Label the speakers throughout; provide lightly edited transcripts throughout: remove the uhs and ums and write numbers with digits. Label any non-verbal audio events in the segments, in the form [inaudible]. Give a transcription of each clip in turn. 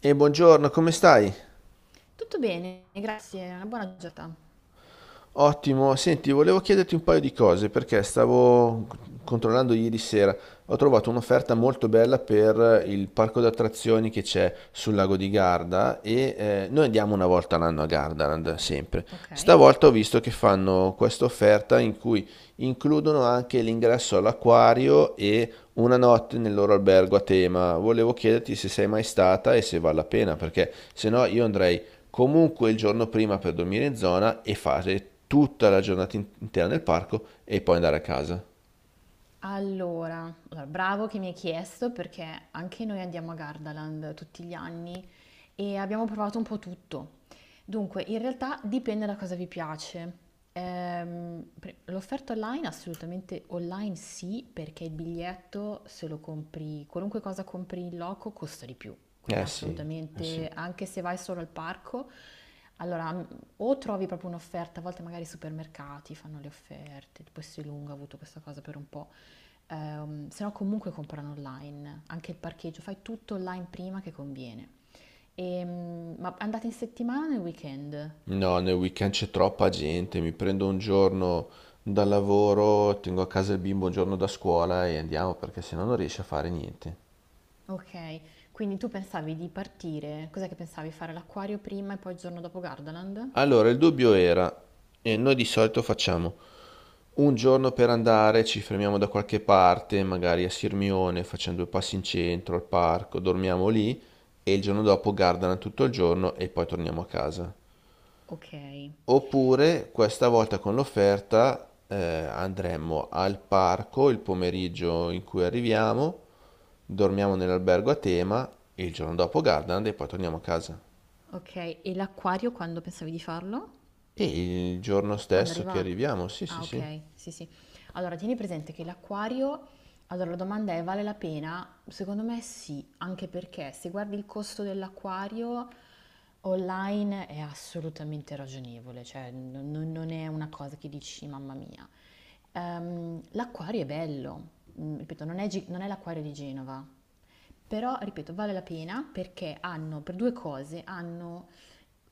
Speaker 1: E buongiorno, come stai?
Speaker 2: Tutto bene, grazie, una buona giornata.
Speaker 1: Ottimo, senti, volevo chiederti un paio di cose perché stavo controllando ieri sera, ho trovato un'offerta molto bella per il parco d'attrazioni che c'è sul lago di Garda e noi andiamo una volta all'anno a Gardaland, sempre.
Speaker 2: Ok.
Speaker 1: Stavolta ho visto che fanno questa offerta in cui includono anche l'ingresso all'acquario e una notte nel loro albergo a tema. Volevo chiederti se sei mai stata e se vale la pena, perché se no io andrei comunque il giorno prima per dormire in zona e fare tutta la giornata intera nel parco e poi andare a casa.
Speaker 2: Allora, bravo che mi hai chiesto perché anche noi andiamo a Gardaland tutti gli anni e abbiamo provato un po' tutto. Dunque, in realtà dipende da cosa vi piace. L'offerta online, assolutamente online sì, perché il biglietto se lo compri, qualunque cosa compri in loco costa di più. Quindi
Speaker 1: Eh sì, eh sì.
Speaker 2: assolutamente, anche se vai solo al parco, allora, m- o trovi proprio un'offerta, a volte magari i supermercati fanno le offerte, tipo Essilunga ha avuto questa cosa per un po'. Se no comunque comprano online, anche il parcheggio, fai tutto online prima che conviene. Ma andate in settimana o nel weekend?
Speaker 1: No, nel weekend c'è troppa gente, mi prendo un giorno dal lavoro, tengo a casa il bimbo un giorno da scuola e andiamo perché sennò non riesci a fare niente.
Speaker 2: Ok, quindi tu pensavi di partire, cos'è che pensavi? Fare l'acquario prima e poi il giorno dopo Gardaland?
Speaker 1: Allora, il dubbio era, e noi di solito facciamo un giorno per andare, ci fermiamo da qualche parte, magari a Sirmione, facciamo due passi in centro, al parco, dormiamo lì e il giorno dopo Gardaland tutto il giorno e poi torniamo a casa.
Speaker 2: Ok,
Speaker 1: Oppure, questa volta con l'offerta, andremmo al parco il pomeriggio in cui arriviamo, dormiamo nell'albergo a tema e il giorno dopo Gardaland e poi torniamo a casa.
Speaker 2: ok, e l'acquario quando pensavi di farlo?
Speaker 1: E il giorno
Speaker 2: Quando
Speaker 1: stesso che
Speaker 2: arriva.
Speaker 1: arriviamo, sì, sì,
Speaker 2: Ah,
Speaker 1: sì.
Speaker 2: ok, sì, sì. Allora, tieni presente che l'acquario, allora la domanda è, vale la pena? Secondo me sì, anche perché se guardi il costo dell'acquario online è assolutamente ragionevole, cioè non è una cosa che dici, mamma mia. L'acquario è bello, ripeto, non è, non è l'acquario di Genova, però, ripeto, vale la pena perché hanno, per due cose, hanno,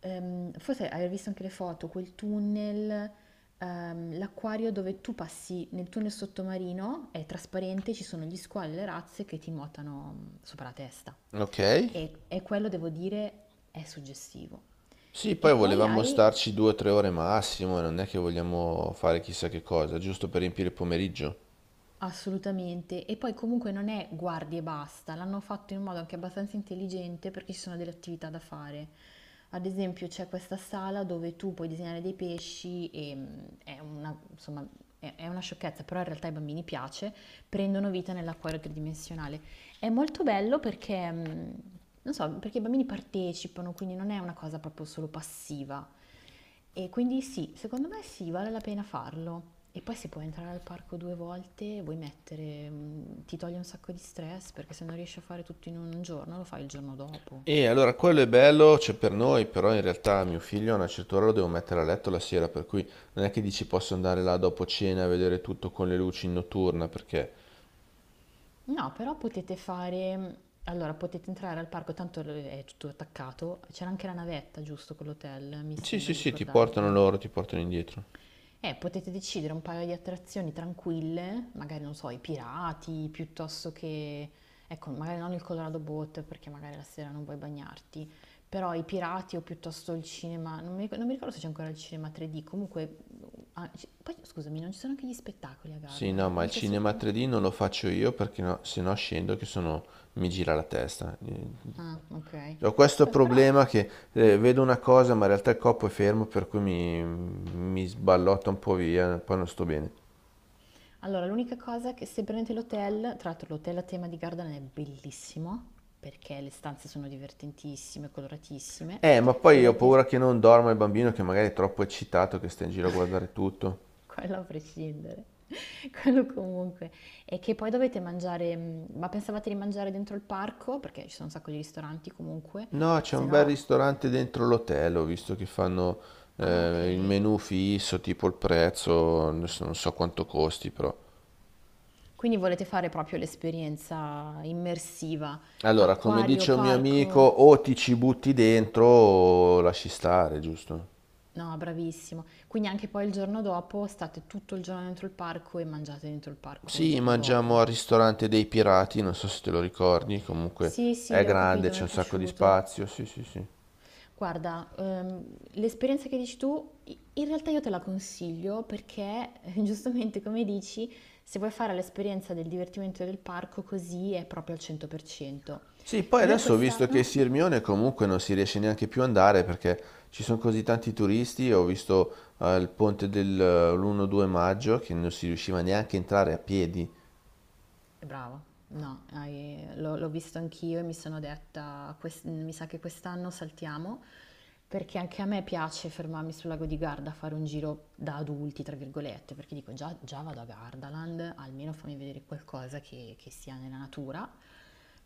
Speaker 2: forse aver visto anche le foto, quel tunnel, l'acquario dove tu passi nel tunnel sottomarino, è trasparente, ci sono gli squali e le razze che ti nuotano sopra la testa.
Speaker 1: Ok?
Speaker 2: E quello, devo dire, è suggestivo.
Speaker 1: Sì,
Speaker 2: E
Speaker 1: poi
Speaker 2: poi
Speaker 1: volevamo
Speaker 2: hai
Speaker 1: starci due o tre ore massimo, non è che vogliamo fare chissà che cosa, giusto per riempire il pomeriggio.
Speaker 2: Assolutamente, e poi comunque non è guardi e basta, l'hanno fatto in un modo anche abbastanza intelligente perché ci sono delle attività da fare. Ad esempio c'è questa sala dove tu puoi disegnare dei pesci e è una, insomma, è una sciocchezza, però in realtà ai bambini piace, prendono vita nell'acquario tridimensionale. È molto bello perché, non so, perché i bambini partecipano, quindi non è una cosa proprio solo passiva. E quindi sì, secondo me sì, vale la pena farlo. E poi se puoi entrare al parco due volte, vuoi mettere, ti toglie un sacco di stress perché se non riesci a fare tutto in un giorno, lo fai il giorno dopo.
Speaker 1: E allora quello è bello, c'è per noi, però in realtà mio figlio a una certa ora lo devo mettere a letto la sera, per cui non è che dici posso andare là dopo cena a vedere tutto con le luci in notturna, perché...
Speaker 2: No, però potete fare, allora potete entrare al parco, tanto è tutto attaccato, c'era anche la navetta, giusto, con l'hotel, mi
Speaker 1: Sì,
Speaker 2: sembra
Speaker 1: sì,
Speaker 2: di
Speaker 1: sì, ti
Speaker 2: ricordare.
Speaker 1: portano loro, ti portano indietro.
Speaker 2: Potete decidere un paio di attrazioni tranquille, magari non so, i pirati, piuttosto che, ecco, magari non il Colorado Boat perché magari la sera non vuoi bagnarti, però i pirati o piuttosto il cinema, non mi ricordo se c'è ancora il cinema 3D, comunque, poi scusami, non ci sono anche gli spettacoli a
Speaker 1: Sì, no,
Speaker 2: Gardaland,
Speaker 1: ma il
Speaker 2: anche
Speaker 1: cinema
Speaker 2: soltanto...
Speaker 1: 3D non lo faccio io perché no, se no scendo che sono... mi gira la testa.
Speaker 2: Ah, ok.
Speaker 1: Ho questo
Speaker 2: Beh, però
Speaker 1: problema che vedo una cosa, ma in realtà il corpo è fermo, per cui mi sballotta un po' via, poi non sto bene.
Speaker 2: Allora, l'unica cosa che se prendete l'hotel, tra l'altro l'hotel a tema di Gardaland è bellissimo, perché le stanze sono divertentissime, coloratissime,
Speaker 1: Ma poi ho
Speaker 2: dovete,
Speaker 1: paura che non dorma il bambino, che magari è troppo eccitato, che sta in giro a guardare tutto.
Speaker 2: [laughs] quello a prescindere, [laughs] quello comunque, e che poi dovete mangiare, ma pensavate di mangiare dentro il parco? Perché ci sono un sacco di ristoranti comunque,
Speaker 1: No, c'è
Speaker 2: se
Speaker 1: un bel
Speaker 2: no...
Speaker 1: ristorante dentro l'hotel, ho visto che fanno
Speaker 2: Ah, ok.
Speaker 1: il menù fisso, tipo il prezzo, adesso non so quanto costi, però.
Speaker 2: Quindi volete fare proprio l'esperienza immersiva,
Speaker 1: Allora, come
Speaker 2: acquario,
Speaker 1: dice un mio amico,
Speaker 2: parco?
Speaker 1: o ti ci butti dentro o lasci stare, giusto?
Speaker 2: No, bravissimo. Quindi anche poi il giorno dopo state tutto il giorno dentro il parco e mangiate dentro il parco il
Speaker 1: Sì,
Speaker 2: giorno dopo.
Speaker 1: mangiammo al ristorante dei pirati, non so se te lo ricordi, comunque
Speaker 2: Sì,
Speaker 1: è
Speaker 2: sì, ho
Speaker 1: grande,
Speaker 2: capito, mi
Speaker 1: c'è
Speaker 2: è
Speaker 1: un sacco di
Speaker 2: piaciuto.
Speaker 1: spazio, sì, sì, sì.
Speaker 2: Guarda, l'esperienza che dici tu, in realtà io te la consiglio perché, [laughs] giustamente come dici, se vuoi fare l'esperienza del divertimento del parco, così è proprio al 100%.
Speaker 1: Sì, poi
Speaker 2: Noi
Speaker 1: adesso ho visto che
Speaker 2: quest'anno.
Speaker 1: Sirmione comunque non si riesce neanche più ad andare perché ci sono così tanti turisti, ho visto il ponte dell'1-2 maggio che non si riusciva neanche a entrare a piedi.
Speaker 2: Brava, no, l'ho visto anch'io e mi, sono detta, mi sa che quest'anno saltiamo, perché anche a me piace fermarmi sul lago di Garda a fare un giro da adulti, tra virgolette, perché dico già, già vado a Gardaland, almeno fammi vedere qualcosa che sia nella natura,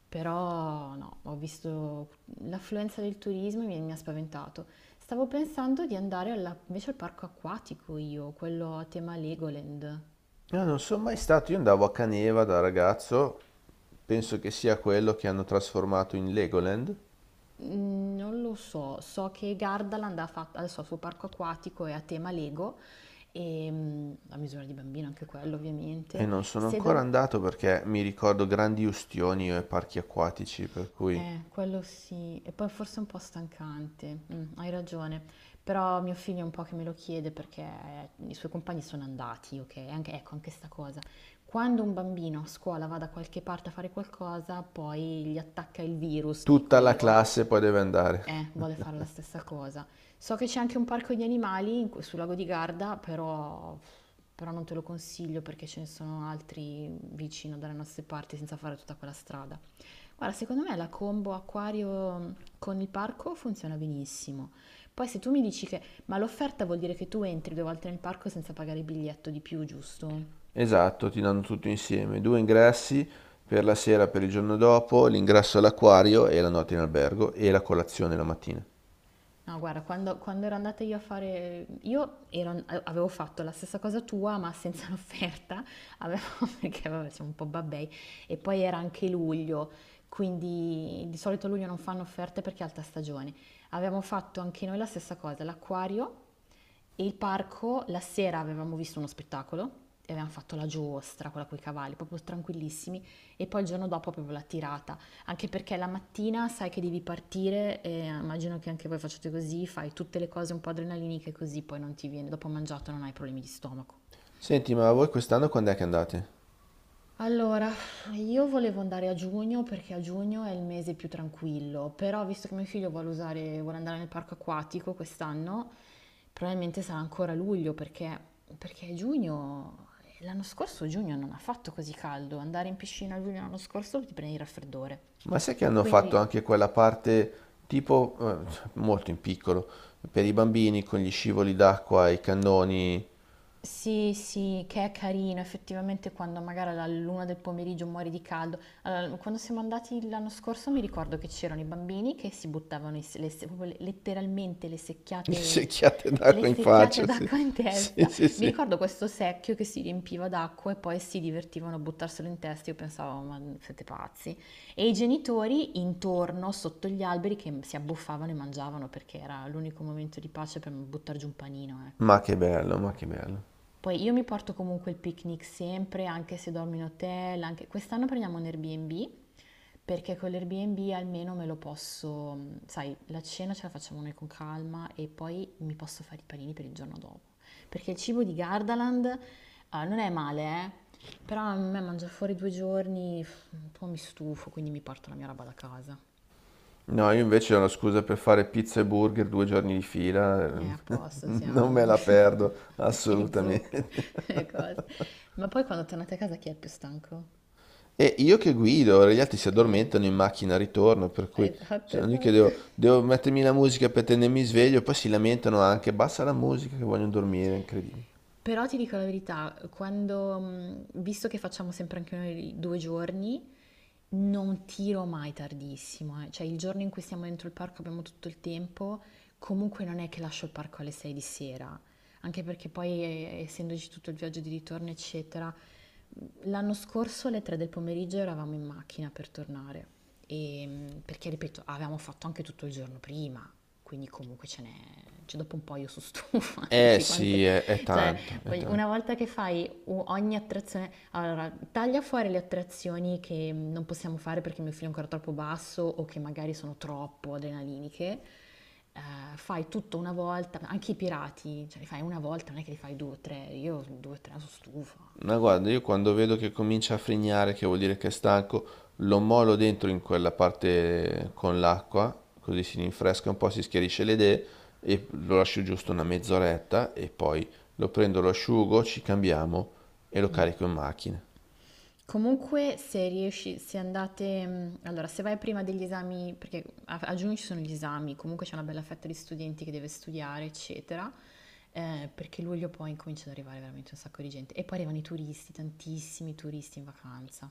Speaker 2: però no, ho visto l'affluenza del turismo e mi ha spaventato. Stavo pensando di andare invece al parco acquatico io, quello a tema Legoland.
Speaker 1: Io non sono mai stato, io andavo a Caneva da ragazzo, penso che sia quello che hanno trasformato in Legoland.
Speaker 2: Non lo so, so che Gardaland ha fatto adesso ha il suo parco acquatico è a tema Lego, e, a misura di bambino anche quello
Speaker 1: E
Speaker 2: ovviamente.
Speaker 1: non sono
Speaker 2: Se
Speaker 1: ancora
Speaker 2: dov-
Speaker 1: andato perché mi ricordo grandi ustioni e parchi acquatici, per cui
Speaker 2: quello sì, e poi forse è un po' stancante, hai ragione, però mio figlio è un po' che me lo chiede perché i suoi compagni sono andati, ok? Anche, ecco, anche sta cosa. Quando un bambino a scuola va da qualche parte a fare qualcosa, poi gli attacca il virus, dico
Speaker 1: tutta la
Speaker 2: io,
Speaker 1: classe poi deve andare.
Speaker 2: Vuole
Speaker 1: [laughs]
Speaker 2: fare la stessa cosa. So che c'è anche un parco di animali sul lago di Garda, però, però non te lo consiglio perché ce ne sono altri vicino dalle nostre parti senza fare tutta quella strada. Guarda, secondo me la combo acquario con il parco funziona benissimo. Poi se tu mi dici che... Ma l'offerta vuol dire che tu entri due volte nel parco senza pagare il biglietto di più, giusto?
Speaker 1: Esatto, ti danno tutto insieme, due ingressi per la sera, per il giorno dopo, l'ingresso all'acquario e la notte in albergo e la colazione la mattina.
Speaker 2: No, guarda, quando ero andata io a fare... Io ero- avevo fatto la stessa cosa tua, ma senza l'offerta, avevo, [laughs] perché vabbè, siamo un po' babbei, e poi era anche luglio, quindi di solito a luglio non fanno offerte perché è alta stagione. Avevamo fatto anche noi la stessa cosa, l'acquario, e il parco, la sera avevamo visto uno spettacolo e avevamo fatto la giostra, quella con i cavalli, proprio tranquillissimi, e poi il giorno dopo proprio la tirata, anche perché la mattina sai che devi partire e immagino che anche voi facciate così, fai tutte le cose un po' adrenaliniche così poi non ti viene, dopo mangiato non hai problemi di stomaco.
Speaker 1: Senti, ma voi quest'anno quando è che andate?
Speaker 2: Allora, io volevo andare a giugno perché a giugno è il mese più tranquillo, però visto che mio figlio vuole usare, vuole andare nel parco acquatico quest'anno, probabilmente sarà ancora luglio perché giugno, l'anno scorso giugno non ha fatto così caldo, andare in piscina a luglio l'anno scorso ti prendi il raffreddore.
Speaker 1: Ma sai che hanno fatto
Speaker 2: Quindi
Speaker 1: anche quella parte tipo molto in piccolo per i bambini con gli scivoli d'acqua, i cannoni.
Speaker 2: Sì, sì, che è carino, effettivamente quando magari alla luna del pomeriggio muori di caldo. Allora, quando siamo andati l'anno scorso mi ricordo che c'erano i bambini che si buttavano i se- le se- proprio le- letteralmente
Speaker 1: Le secchiate
Speaker 2: le
Speaker 1: d'acqua in faccia,
Speaker 2: secchiate
Speaker 1: sì.
Speaker 2: d'acqua in
Speaker 1: Sì,
Speaker 2: testa.
Speaker 1: sì,
Speaker 2: Mi
Speaker 1: sì.
Speaker 2: ricordo questo secchio che si riempiva d'acqua e poi si divertivano a buttarselo in testa. Io pensavo, ma siete pazzi. E i genitori intorno, sotto gli alberi, che si abbuffavano e mangiavano perché era l'unico momento di pace per buttare giù un panino,
Speaker 1: Ma
Speaker 2: ecco.
Speaker 1: che bello, ma che bello.
Speaker 2: Poi io mi porto comunque il picnic sempre, anche se dormo in hotel, anche- quest'anno prendiamo un Airbnb, perché con l'Airbnb almeno me lo posso, sai, la cena ce la facciamo noi con calma e poi mi posso fare i panini per il giorno dopo. Perché il cibo di Gardaland, ah, non è male, però a me mangiare fuori 2 giorni, pff, un po' mi stufo, quindi mi porto la mia roba da casa.
Speaker 1: No, io invece ho una scusa per fare pizza e burger due giorni di fila,
Speaker 2: E a
Speaker 1: [laughs]
Speaker 2: posto
Speaker 1: non me
Speaker 2: siamo,
Speaker 1: la perdo
Speaker 2: [laughs] i zucchi,
Speaker 1: assolutamente.
Speaker 2: le cose. Ma poi quando tornate a casa chi è il più stanco?
Speaker 1: E io che guido, ora gli altri si
Speaker 2: Eh
Speaker 1: addormentano in
Speaker 2: sì,
Speaker 1: macchina al ritorno, per cui
Speaker 2: esatto,
Speaker 1: sono lì che
Speaker 2: esatto.
Speaker 1: devo mettermi la musica per tenermi sveglio, poi si lamentano anche, basta la musica che vogliono dormire, è incredibile.
Speaker 2: Però ti dico la verità, quando, visto che facciamo sempre anche noi 2 giorni, non tiro mai tardissimo, eh. Cioè il giorno in cui siamo dentro il parco abbiamo tutto il tempo, comunque non è che lascio il parco alle 6 di sera, anche perché poi essendoci tutto il viaggio di ritorno, eccetera, l'anno scorso alle 3 del pomeriggio eravamo in macchina per tornare. E, perché ripeto, avevamo fatto anche tutto il giorno prima, quindi comunque ce n'è, cioè dopo un po' io sono stufa, [laughs]
Speaker 1: Eh
Speaker 2: dici
Speaker 1: sì,
Speaker 2: quante...
Speaker 1: è
Speaker 2: Cioè,
Speaker 1: tanto, è tanto.
Speaker 2: una volta che fai ogni attrazione, allora taglia fuori le attrazioni che non possiamo fare perché il mio figlio è ancora troppo basso o che magari sono troppo adrenaliniche. Fai tutto una volta, anche i pirati, cioè li fai una volta, non è che li fai due o tre, io due o tre sono stufa.
Speaker 1: Ma guarda, io quando vedo che comincia a frignare, che vuol dire che è stanco, lo molo dentro in quella parte con l'acqua, così si rinfresca un po', si schiarisce le idee e lo lascio giusto una mezz'oretta e poi lo prendo, lo asciugo, ci cambiamo e lo carico in macchina.
Speaker 2: Comunque, se riesci, se andate, allora, se vai prima degli esami, perché a giugno ci sono gli esami, comunque c'è una bella fetta di studenti che deve studiare, eccetera, perché luglio poi comincia ad arrivare veramente un sacco di gente. E poi arrivano i turisti, tantissimi turisti in vacanza.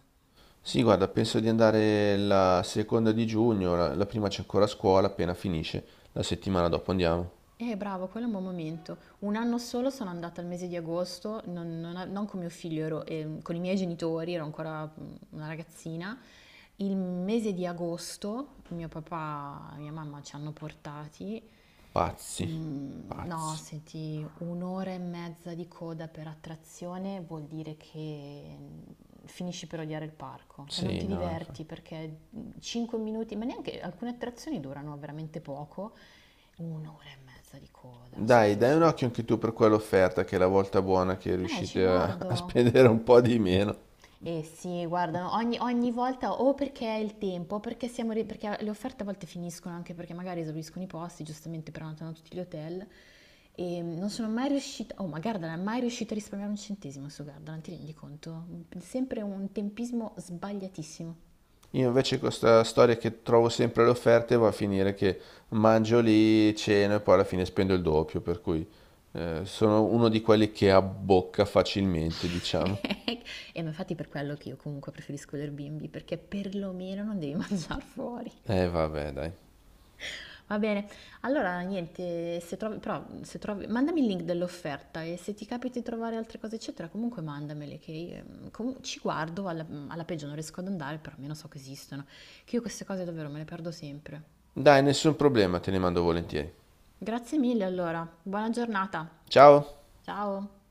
Speaker 1: Sì, guarda, penso di andare la seconda di giugno, la prima c'è ancora a scuola, appena finisce, la settimana dopo andiamo.
Speaker 2: Bravo, quello è un buon momento. Un anno solo sono andata al mese di agosto, non con mio figlio, ero, con i miei genitori, ero ancora una ragazzina. Il mese di agosto mio papà e mia mamma ci hanno portati.
Speaker 1: Pazzi,
Speaker 2: No,
Speaker 1: pazzi.
Speaker 2: senti, un'ora e mezza di coda per attrazione vuol dire che finisci per odiare il parco, cioè non
Speaker 1: Sì,
Speaker 2: ti
Speaker 1: no,
Speaker 2: diverti
Speaker 1: infatti.
Speaker 2: perché 5 minuti, ma neanche alcune attrazioni durano veramente poco, un'ora e mezza di coda
Speaker 1: Dai,
Speaker 2: sotto il
Speaker 1: dai un
Speaker 2: snow.
Speaker 1: occhio anche tu per quell'offerta che è la volta buona che
Speaker 2: Ci
Speaker 1: riuscite a, [laughs] a
Speaker 2: guardo.
Speaker 1: spendere un po' di meno.
Speaker 2: Eh sì, guardano, ogni volta o perché è il tempo, o perché, perché le offerte a volte finiscono anche perché magari esauriscono i posti, giustamente prenotano tutti gli hotel e non sono mai riuscita, oh ma Gardaland, è mai riuscita a risparmiare un centesimo su Gardaland, ti rendi conto? Sempre un tempismo sbagliatissimo.
Speaker 1: Io invece con questa storia che trovo sempre le offerte va a finire che mangio lì, ceno e poi alla fine spendo il doppio, per cui sono uno di quelli che abbocca facilmente, diciamo.
Speaker 2: [laughs] E ma infatti per quello che io comunque preferisco l'Airbnb, perché perlomeno non devi [laughs] mangiare fuori.
Speaker 1: Eh vabbè, dai.
Speaker 2: Va bene, allora niente, se trovi, però se trovi, mandami il link dell'offerta e se ti capita di trovare altre cose eccetera, comunque mandamele che io, ci guardo, alla peggio non riesco ad andare, però almeno so che esistono, che io queste cose davvero me le perdo sempre.
Speaker 1: Dai, nessun problema, te ne mando volentieri.
Speaker 2: Grazie mille allora, buona giornata,
Speaker 1: Ciao!
Speaker 2: ciao!